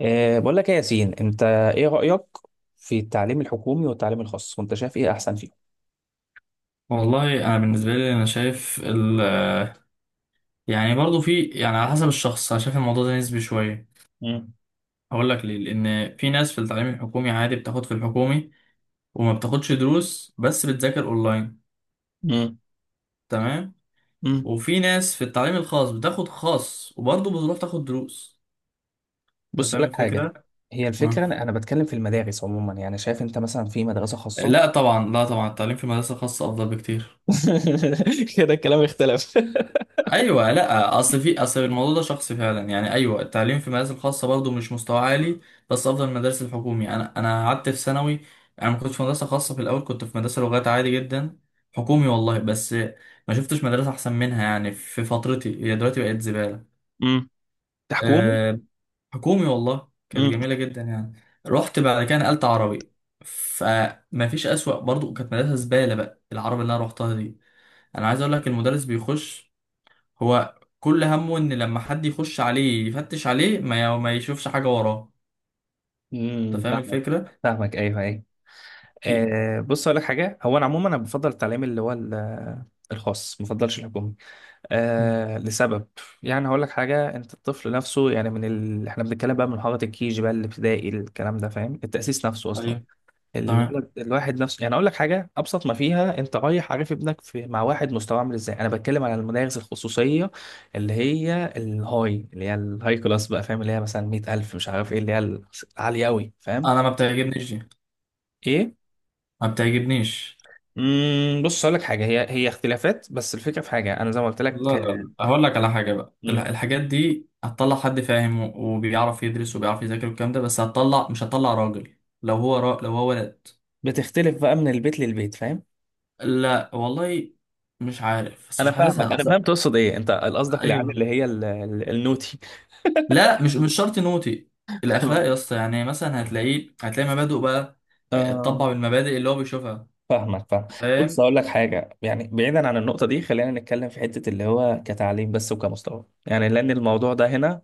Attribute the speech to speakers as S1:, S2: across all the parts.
S1: بقول لك ايه يا ياسين، انت ايه رأيك في التعليم الحكومي والتعليم الخاص؟ وانت شايف ايه احسن فيهم؟
S2: والله انا بالنسبه لي انا شايف يعني برضو في يعني على حسب الشخص، انا شايف الموضوع ده نسبي شويه.
S1: مم.
S2: هقول لك ليه. لان في ناس في التعليم الحكومي عادي بتاخد في الحكومي وما بتاخدش دروس بس بتذاكر اونلاين،
S1: مم.
S2: تمام؟
S1: مم.
S2: وفي ناس في التعليم الخاص بتاخد خاص وبرضه بتروح تاخد دروس. انت
S1: بص اقول
S2: فاهم
S1: لك حاجة.
S2: الفكره؟
S1: هي
S2: آه.
S1: الفكرة، انا بتكلم في المدارس عموما، يعني شايف انت مثلا في مدرسة خاصة؟
S2: لا طبعا، لا طبعا، التعليم في مدرسه خاصه افضل بكتير.
S1: كده الكلام اختلف.
S2: ايوه لا، اصل في اصل الموضوع ده شخصي فعلا. يعني ايوه التعليم في المدارس الخاصه برضه مش مستوى عالي بس افضل من المدارس الحكومي. انا قعدت في ثانوي. انا ما كنتش في مدرسه خاصه، في الاول كنت في مدرسه لغات عادي جدا، حكومي والله. بس ما شفتش مدرسه احسن منها يعني في فترتي. هي دلوقتي بقت زباله.
S1: مم. حكومي.
S2: أه، حكومي والله، كانت
S1: مم.
S2: جميله جدا يعني. رحت بعد كده نقلت عربي، فما فيش اسوأ. برضه كانت مدرسه زباله بقى العربي اللي انا رحتها دي. انا عايز اقول لك، المدرس بيخش، هو كل همه ان لما حد يخش عليه يفتش عليه ما يشوفش حاجه وراه.
S1: امم،
S2: انت فاهم
S1: فاهمك.
S2: الفكره؟
S1: فاهمك، ايوه ايوه.
S2: إيه؟
S1: أه بص اقول لك حاجة. هو انا عموما انا بفضل التعليم اللي هو الخاص، ما بفضلش الحكومي. آه لسبب. يعني هقول لك حاجه، انت الطفل نفسه يعني من احنا بنتكلم بقى من حضره الكيجي بقى الابتدائي، الكلام ده، فاهم؟ التاسيس نفسه اصلا
S2: ايوه، تمام.
S1: الولد الواحد نفسه. يعني اقول لك حاجه ابسط ما فيها، انت رايح عارف ابنك مع واحد مستواه عامل ازاي. انا بتكلم على المدارس الخصوصيه اللي هي الهاي، اللي هي الهاي كلاس بقى، فاهم؟ اللي هي مثلا 100000، مش عارف ايه، اللي هي العاليه قوي، فاهم؟
S2: انا ما بتعجبنيش دي،
S1: ايه؟
S2: ما بتعجبنيش.
S1: امم، بص اقول لك حاجه، هي اختلافات، بس الفكره في حاجه انا زي ما قلت
S2: لا
S1: لك
S2: لا
S1: آه.
S2: لا، هقول لك على حاجه بقى. الح-
S1: مم.
S2: الحاجات دي هتطلع حد فاهم وبيعرف يدرس وبيعرف يذاكر والكلام ده، بس هتطلع مش هتطلع راجل لو هو ولد.
S1: بتختلف بقى من البيت للبيت، فاهم؟
S2: لا والله مش عارف بس
S1: انا
S2: مش
S1: فاهمك،
S2: حاسسها
S1: انا
S2: اصلا.
S1: فهمت تقصد ايه. انت قصدك العيال
S2: ايوه.
S1: اللي هي النوتي.
S2: لا مش شرط نوتي. الاخلاق يا اسطى. يعني مثلا هتلاقيه، هتلاقي مبادئه بقى، اتطبع
S1: آه.
S2: بالمبادئ اللي هو بيشوفها.
S1: فاهمك، فاهم. بص
S2: فاهم.
S1: اقول لك حاجه، يعني بعيدا عن النقطه دي، خلينا نتكلم في حته اللي هو كتعليم بس وكمستوى، يعني لان الموضوع ده هنا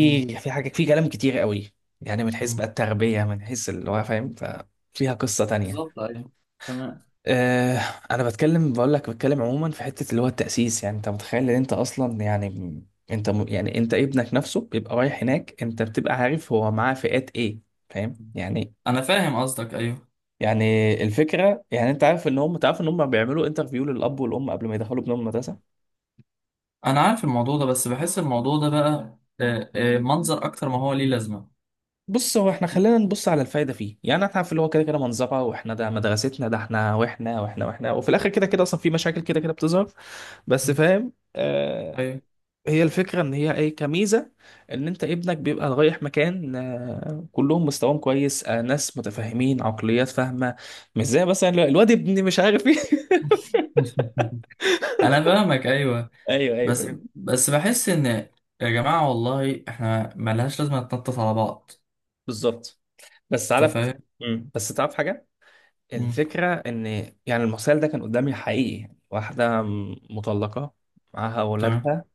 S2: مم.
S1: في حاجه، في كلام كتير قوي، يعني من حيث بقى
S2: مم.
S1: التربيه، من حيث اللي هو فاهم، ففيها قصه تانية.
S2: بالظبط ايوه. تمام.
S1: آه. انا بتكلم بقول لك بتكلم عموما في حته اللي هو التاسيس، يعني انت متخيل ان انت اصلا يعني يعني انت ابنك نفسه بيبقى رايح هناك، انت بتبقى عارف هو معاه فئات ايه، فاهم
S2: مم.
S1: يعني؟
S2: انا فاهم قصدك ايوه.
S1: يعني الفكره، يعني انت عارف ان هم تعرف ان هم بيعملوا انترفيو للاب والام قبل ما يدخلوا ابنهم المدرسه.
S2: انا عارف الموضوع ده بس بحس الموضوع ده بقى منظر اكتر ما هو ليه لازمه.
S1: بص هو احنا خلينا نبص على الفايده فيه، يعني احنا عارف اللي هو كده كده منظره، واحنا ده مدرستنا ده احنا واحنا واحنا واحنا، وفي الاخر كده كده اصلا في مشاكل كده كده بتظهر، بس
S2: مم.
S1: فاهم آه.
S2: ايوه.
S1: هي الفكرة إن هي إيه؟ كميزة إن أنت ابنك بيبقى رايح مكان آه، كلهم مستواهم كويس، آه، ناس متفاهمين، عقليات فاهمة، مش زي مثلا الواد ابني مش عارف إيه.
S2: انا فاهمك ايوه.
S1: أيوه أيوه
S2: بس
S1: فاهم.
S2: بس بحس ان يا جماعه والله احنا ملهاش لازمه نتنطط على بعض.
S1: بالظبط. بس
S2: انت
S1: عارف.
S2: فاهم.
S1: مم. بس تعرف حاجة،
S2: مم.
S1: الفكرة إن يعني المثال ده كان قدامي حقيقي، واحدة مطلقة معاها
S2: تمام.
S1: أولادها.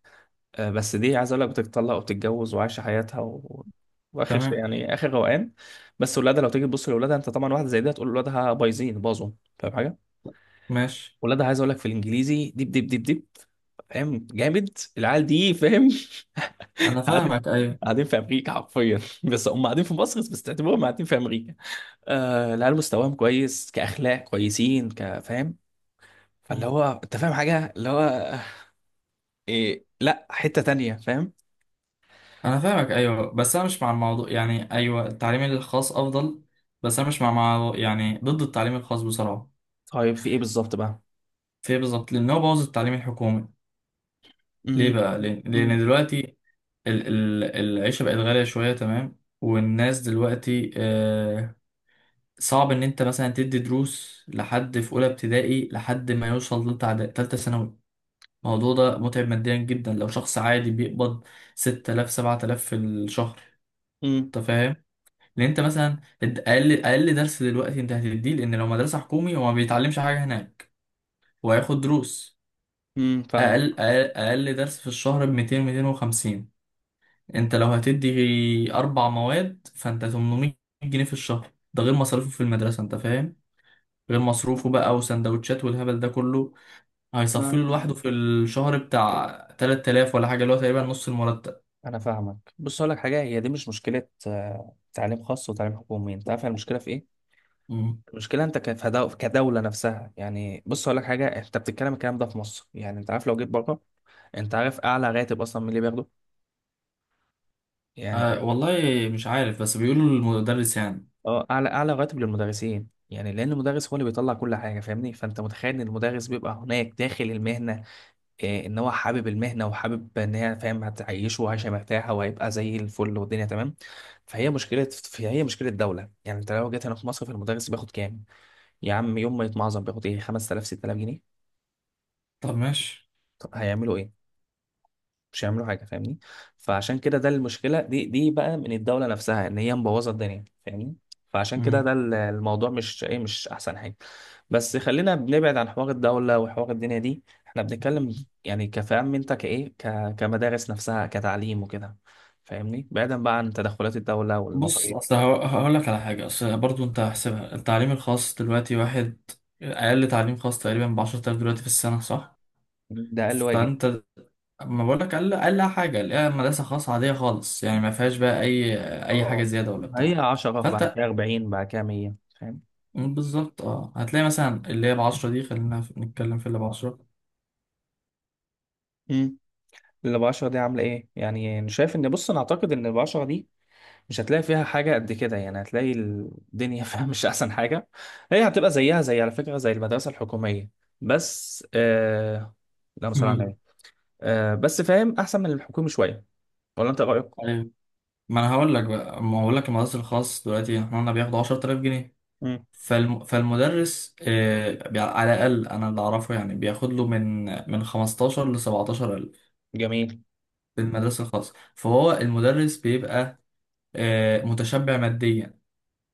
S1: آه، بس دي عايز اقول لك بتتطلق وبتتجوز وعايشه حياتها و... واخر شيء،
S2: تمام.
S1: يعني اخر روقان. بس ولادها لو تيجي تبص لاولادها، انت طبعا واحده زي دي هتقول ولادها بايظين، باظوا، فاهم حاجه؟
S2: ماشي.
S1: ولادها عايز اقول لك في الانجليزي ديب ديب ديب ديب، فاهم؟ جامد العيال دي، فاهم؟
S2: انا
S1: قاعدين،
S2: فاهمك ايوه.
S1: قاعدين في امريكا حرفيا. بس هم قاعدين في مصر، بس تعتبرهم قاعدين في امريكا. آه العيال مستواهم كويس، كاخلاق كويسين، كفاهم، فاللي
S2: مم.
S1: هو انت فاهم حاجه اللي هو آه، إيه، لا حته تانية، فاهم؟
S2: انا فاهمك ايوه بس انا مش مع الموضوع. يعني ايوه التعليم الخاص افضل بس انا مش مع يعني ضد التعليم الخاص بصراحه.
S1: طيب في ايه بالظبط بقى؟
S2: في إيه بالظبط؟ لان هو بوظ التعليم الحكومي.
S1: مم.
S2: ليه بقى؟ لان
S1: مم.
S2: لأن دلوقتي ال ال العيشه بقت غاليه شويه، تمام؟ والناس دلوقتي صعب ان انت مثلا تدي دروس لحد في اولى ابتدائي لحد ما يوصل لتالتة ثانوي. الموضوع ده متعب ماديا جدا لو شخص عادي بيقبض 6000 7000 في الشهر.
S1: مم.
S2: انت فاهم؟ لان انت مثلا، انت اقل درس دلوقتي انت هتديه. لان لو مدرسه حكومي هو ما بيتعلمش حاجه هناك وهياخد دروس.
S1: مم. فاهمك.
S2: أقل درس في الشهر ب 200 250. انت لو هتدي اربع مواد فانت 800 جنيه في الشهر. ده غير مصاريفه في المدرسه، انت فاهم؟ غير مصروفه بقى وسندوتشات والهبل ده كله. هيصفي
S1: انا
S2: له لوحده في الشهر بتاع 3000 ولا حاجه، اللي هو تقريبا نص المرتب.
S1: أنا فاهمك. بص اقول لك حاجه، هي دي مش مشكله، آه، تعليم خاص وتعليم حكومي، انت عارف المشكله في ايه؟
S2: مم.
S1: المشكله انت كدوله نفسها. يعني بص اقول لك حاجه، انت بتتكلم الكلام ده في مصر، يعني انت عارف لو جيت بره، انت عارف اعلى راتب اصلا من اللي بياخده، يعني
S2: أه
S1: ده
S2: والله مش عارف بس بيقولوا المدرس يعني.
S1: اه اعلى، اعلى راتب للمدرسين، يعني لان المدرس هو اللي بيطلع كل حاجه، فاهمني؟ فانت متخيل ان المدرس بيبقى هناك داخل المهنه، إيه ان هو حابب المهنه وحابب ان هي فاهم هتعيشه وعايشه مرتاحه، وهيبقى زي الفل والدنيا تمام. فهي مشكله، فهي مشكله الدوله، يعني انت لو جيت هنا في مصر، في المدرس بياخد كام؟ يا عم يوم ما يتمعظم بياخد ايه، 5000 6000 جنيه.
S2: طب ماشي.
S1: طب هيعملوا ايه؟ مش هيعملوا حاجه، فاهمني؟ فعشان كده ده المشكله، دي بقى من الدوله نفسها، ان هي مبوظه الدنيا، فاهمني؟ فعشان كده
S2: مم.
S1: ده الموضوع مش ايه، مش احسن حاجه. بس خلينا بنبعد عن حوار الدوله وحوار الدنيا دي، احنا بنتكلم يعني كفهم، انت كايه، كمدارس نفسها كتعليم وكده، فاهمني؟ بعيدا بقى عن تدخلات الدوله
S2: بص اصل
S1: والمصاريف.
S2: هقول لك على حاجه. اصل برضو انت هحسبها، التعليم الخاص دلوقتي واحد اقل تعليم خاص تقريبا ب 10,000 دلوقتي في السنه، صح؟
S1: ده اقل واجب.
S2: فانت، ما بقول لك اقل اقل حاجه الاقيها مدرسه خاصه عاديه خالص يعني ما فيهاش بقى اي
S1: اه
S2: اي حاجه
S1: اه،
S2: زياده ولا
S1: هي
S2: بتاع.
S1: 10 بعد
S2: فانت
S1: كده 40 بعد كده 100، فاهم؟
S2: بالظبط. اه هتلاقي مثلا اللي هي ب 10 دي. خلينا نتكلم في اللي ب 10.
S1: امم. اللي ب 10 دي عامله ايه يعني؟ انا شايف ان بص، انا اعتقد ان ب 10 دي مش هتلاقي فيها حاجة قد كده، يعني هتلاقي الدنيا فيها مش أحسن حاجة، هي هتبقى زيها زي، على فكرة، زي المدرسة الحكومية. بس آه... لا صلى على
S2: امم
S1: النبي. آه... بس فاهم أحسن من الحكومي شوية، ولا أنت رأيك؟
S2: ايوه. ما انا هقول لك بقى، ما هقول لك المدرسه الخاص دلوقتي احنا قلنا بياخدوا 10,000 جنيه.
S1: مم.
S2: فالمدرس على الأقل أنا اللي أعرفه يعني بياخد له من من 15 ل 17 ألف
S1: جميل.
S2: في المدرسة الخاصة. فهو المدرس بيبقى آه، متشبع ماديا.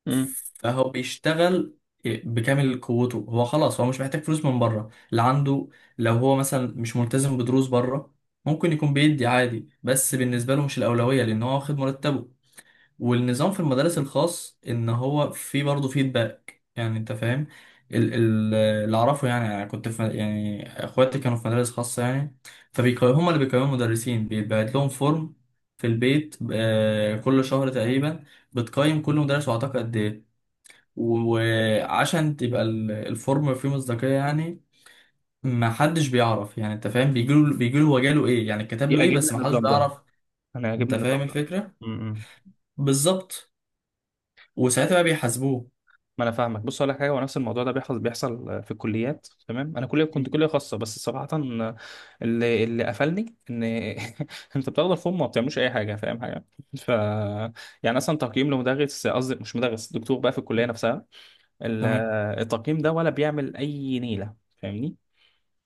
S1: مم.
S2: فهو بيشتغل آه، بكامل قوته. هو خلاص هو مش محتاج فلوس من بره. اللي عنده، لو هو مثلا مش ملتزم بدروس بره، ممكن يكون بيدي عادي بس بالنسبة له مش الأولوية لأن هو واخد مرتبه. والنظام في المدارس الخاص ان هو في برضه فيدباك، يعني انت فاهم. اللي اعرفه يعني، انا كنت في يعني اخواتي كانوا في مدارس خاصه يعني. فبيقيموا، هم اللي بيقيموا المدرسين. بيتبعت لهم فورم في البيت آه، كل شهر تقريبا. بتقيم كل مدرس وعطاك قد ايه. وعشان تبقى ال- الفورم فيه مصداقيه يعني، ما حدش بيعرف، يعني انت فاهم. بيجيله هو جاله ايه، يعني كتب له ايه،
S1: يعجبني
S2: بس ما حدش
S1: النظام ده،
S2: بيعرف.
S1: أنا
S2: انت
S1: يعجبني
S2: فاهم
S1: النظام ده.
S2: الفكره؟
S1: مم.
S2: بالظبط. وساعتها بقى بيحاسبوه.
S1: ما انا فاهمك. بص اقول لك حاجه، هو نفس الموضوع ده بيحصل، بيحصل في الكليات، تمام؟ انا كليه كنت كليه خاصه، بس صراحه اللي قفلني ان انت بتاخد الفورم وما بتعملوش اي حاجه، فاهم حاجه؟ ف يعني اصلا تقييم لمدرس، قصدي مش مدرس، دكتور بقى في الكليه نفسها، ال-
S2: تمام.
S1: التقييم ده ولا بيعمل اي نيله، فاهمني؟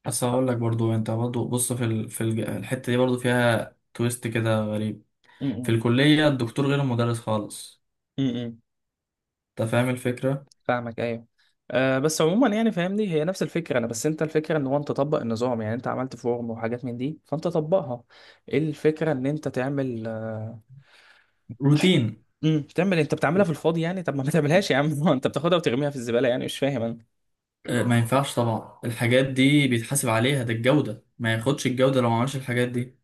S2: بس هقول لك برضو انت برضو، بص في الحته دي برضو فيها تويست كده غريب.
S1: م-
S2: في
S1: م-
S2: الكليه الدكتور غير المدرس خالص.
S1: م.
S2: انت فاهم الفكره؟
S1: فاهمك ايوه. أه بس عموما يعني فاهمني، هي نفس الفكره، انا بس انت الفكره ان هو انت تطبق النظام، يعني انت عملت فورم وحاجات من دي، فانت طبقها. إيه الفكره ان انت تعمل أه،
S2: روتين.
S1: مم، تعمل إيه؟ انت بتعملها في الفاضي يعني، طب ما تعملهاش يا عم. هو انت بتاخدها وترميها في الزباله، يعني مش فاهم انا.
S2: آه، ما ينفعش طبعا. الحاجات دي بيتحاسب عليها، ده الجوده، ما ياخدش الجوده لو ما عملش الحاجات دي.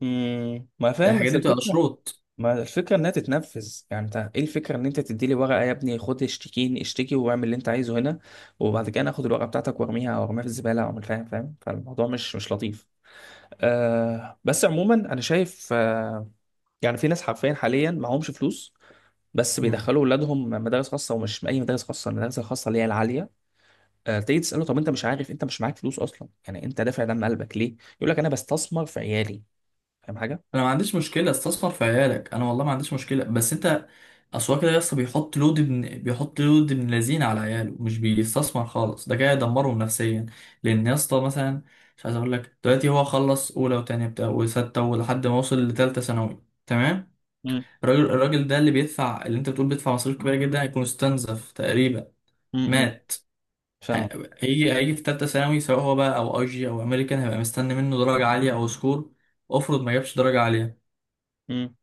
S1: مم، ما فاهم.
S2: الحاجات
S1: بس
S2: دي بتبقى
S1: الفكره،
S2: شروط.
S1: ما الفكره انها تتنفذ، يعني انت ايه الفكره، ان انت تدي لي ورقه يا ابني خد، اشتكيني، اشتكي واعمل اللي انت عايزه هنا، وبعد كده انا اخد الورقه بتاعتك وارميها او ارميها في الزباله، او مش فاهم فاهم، فالموضوع مش مش لطيف. آه بس عموما انا شايف آه، يعني في ناس حرفيا حاليا معهمش فلوس، بس بيدخلوا اولادهم مدارس خاصه، ومش اي مدارس خاصه، المدارس الخاصه اللي هي العاليه. آه تيجي تساله طب انت مش عارف، انت مش معاك فلوس اصلا، يعني انت دافع دم قلبك ليه، يقول لك انا بستثمر في عيالي، فاهم حاجه؟
S2: انا ما عنديش مشكله استثمر في عيالك. انا والله ما عنديش مشكله، بس انت. اصل هو كده يا اسطى، بيحط لود ابن لذين على عياله، مش بيستثمر خالص. ده كده يدمرهم نفسيا. لان يا اسطى مثلا، مش عايز اقول لك، دلوقتي هو خلص اولى وتانية بتاع وستة ولحد ما وصل لتالتة ثانوي، تمام؟
S1: امم.
S2: الراجل ده، اللي بيدفع، اللي انت بتقول بيدفع مصاريف كبيره جدا، هيكون استنزف تقريبا،
S1: امم
S2: مات.
S1: فاهم.
S2: ه- هيجي في تالتة ثانوي سواء هو بقى او اي جي او امريكان. هيبقى مستني منه درجه عاليه او سكور. افرض ما جابش درجه عاليه؟
S1: امم.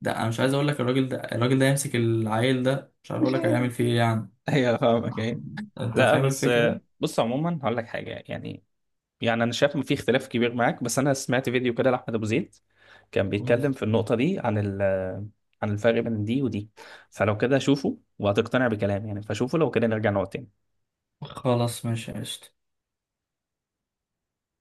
S2: ده انا مش عايز اقول لك الراجل ده يمسك العيل ده مش عارف اقول لك هيعمل فيه ايه يعني.
S1: ايوه فاهمك ايوه.
S2: انت
S1: لا
S2: فاهم
S1: بس
S2: الفكره؟
S1: آه، بص عموما هقول لك حاجه يعني، يعني انا شايف ان في اختلاف كبير معاك، بس انا سمعت فيديو كده لاحمد ابو زيد كان
S2: مم.
S1: بيتكلم في النقطه دي عن ال عن الفرق بين دي ودي، فلو كده شوفه وهتقتنع بكلامي يعني، فشوفه لو كده نرجع نقعد تاني.
S2: خلاص ماشي قشطة.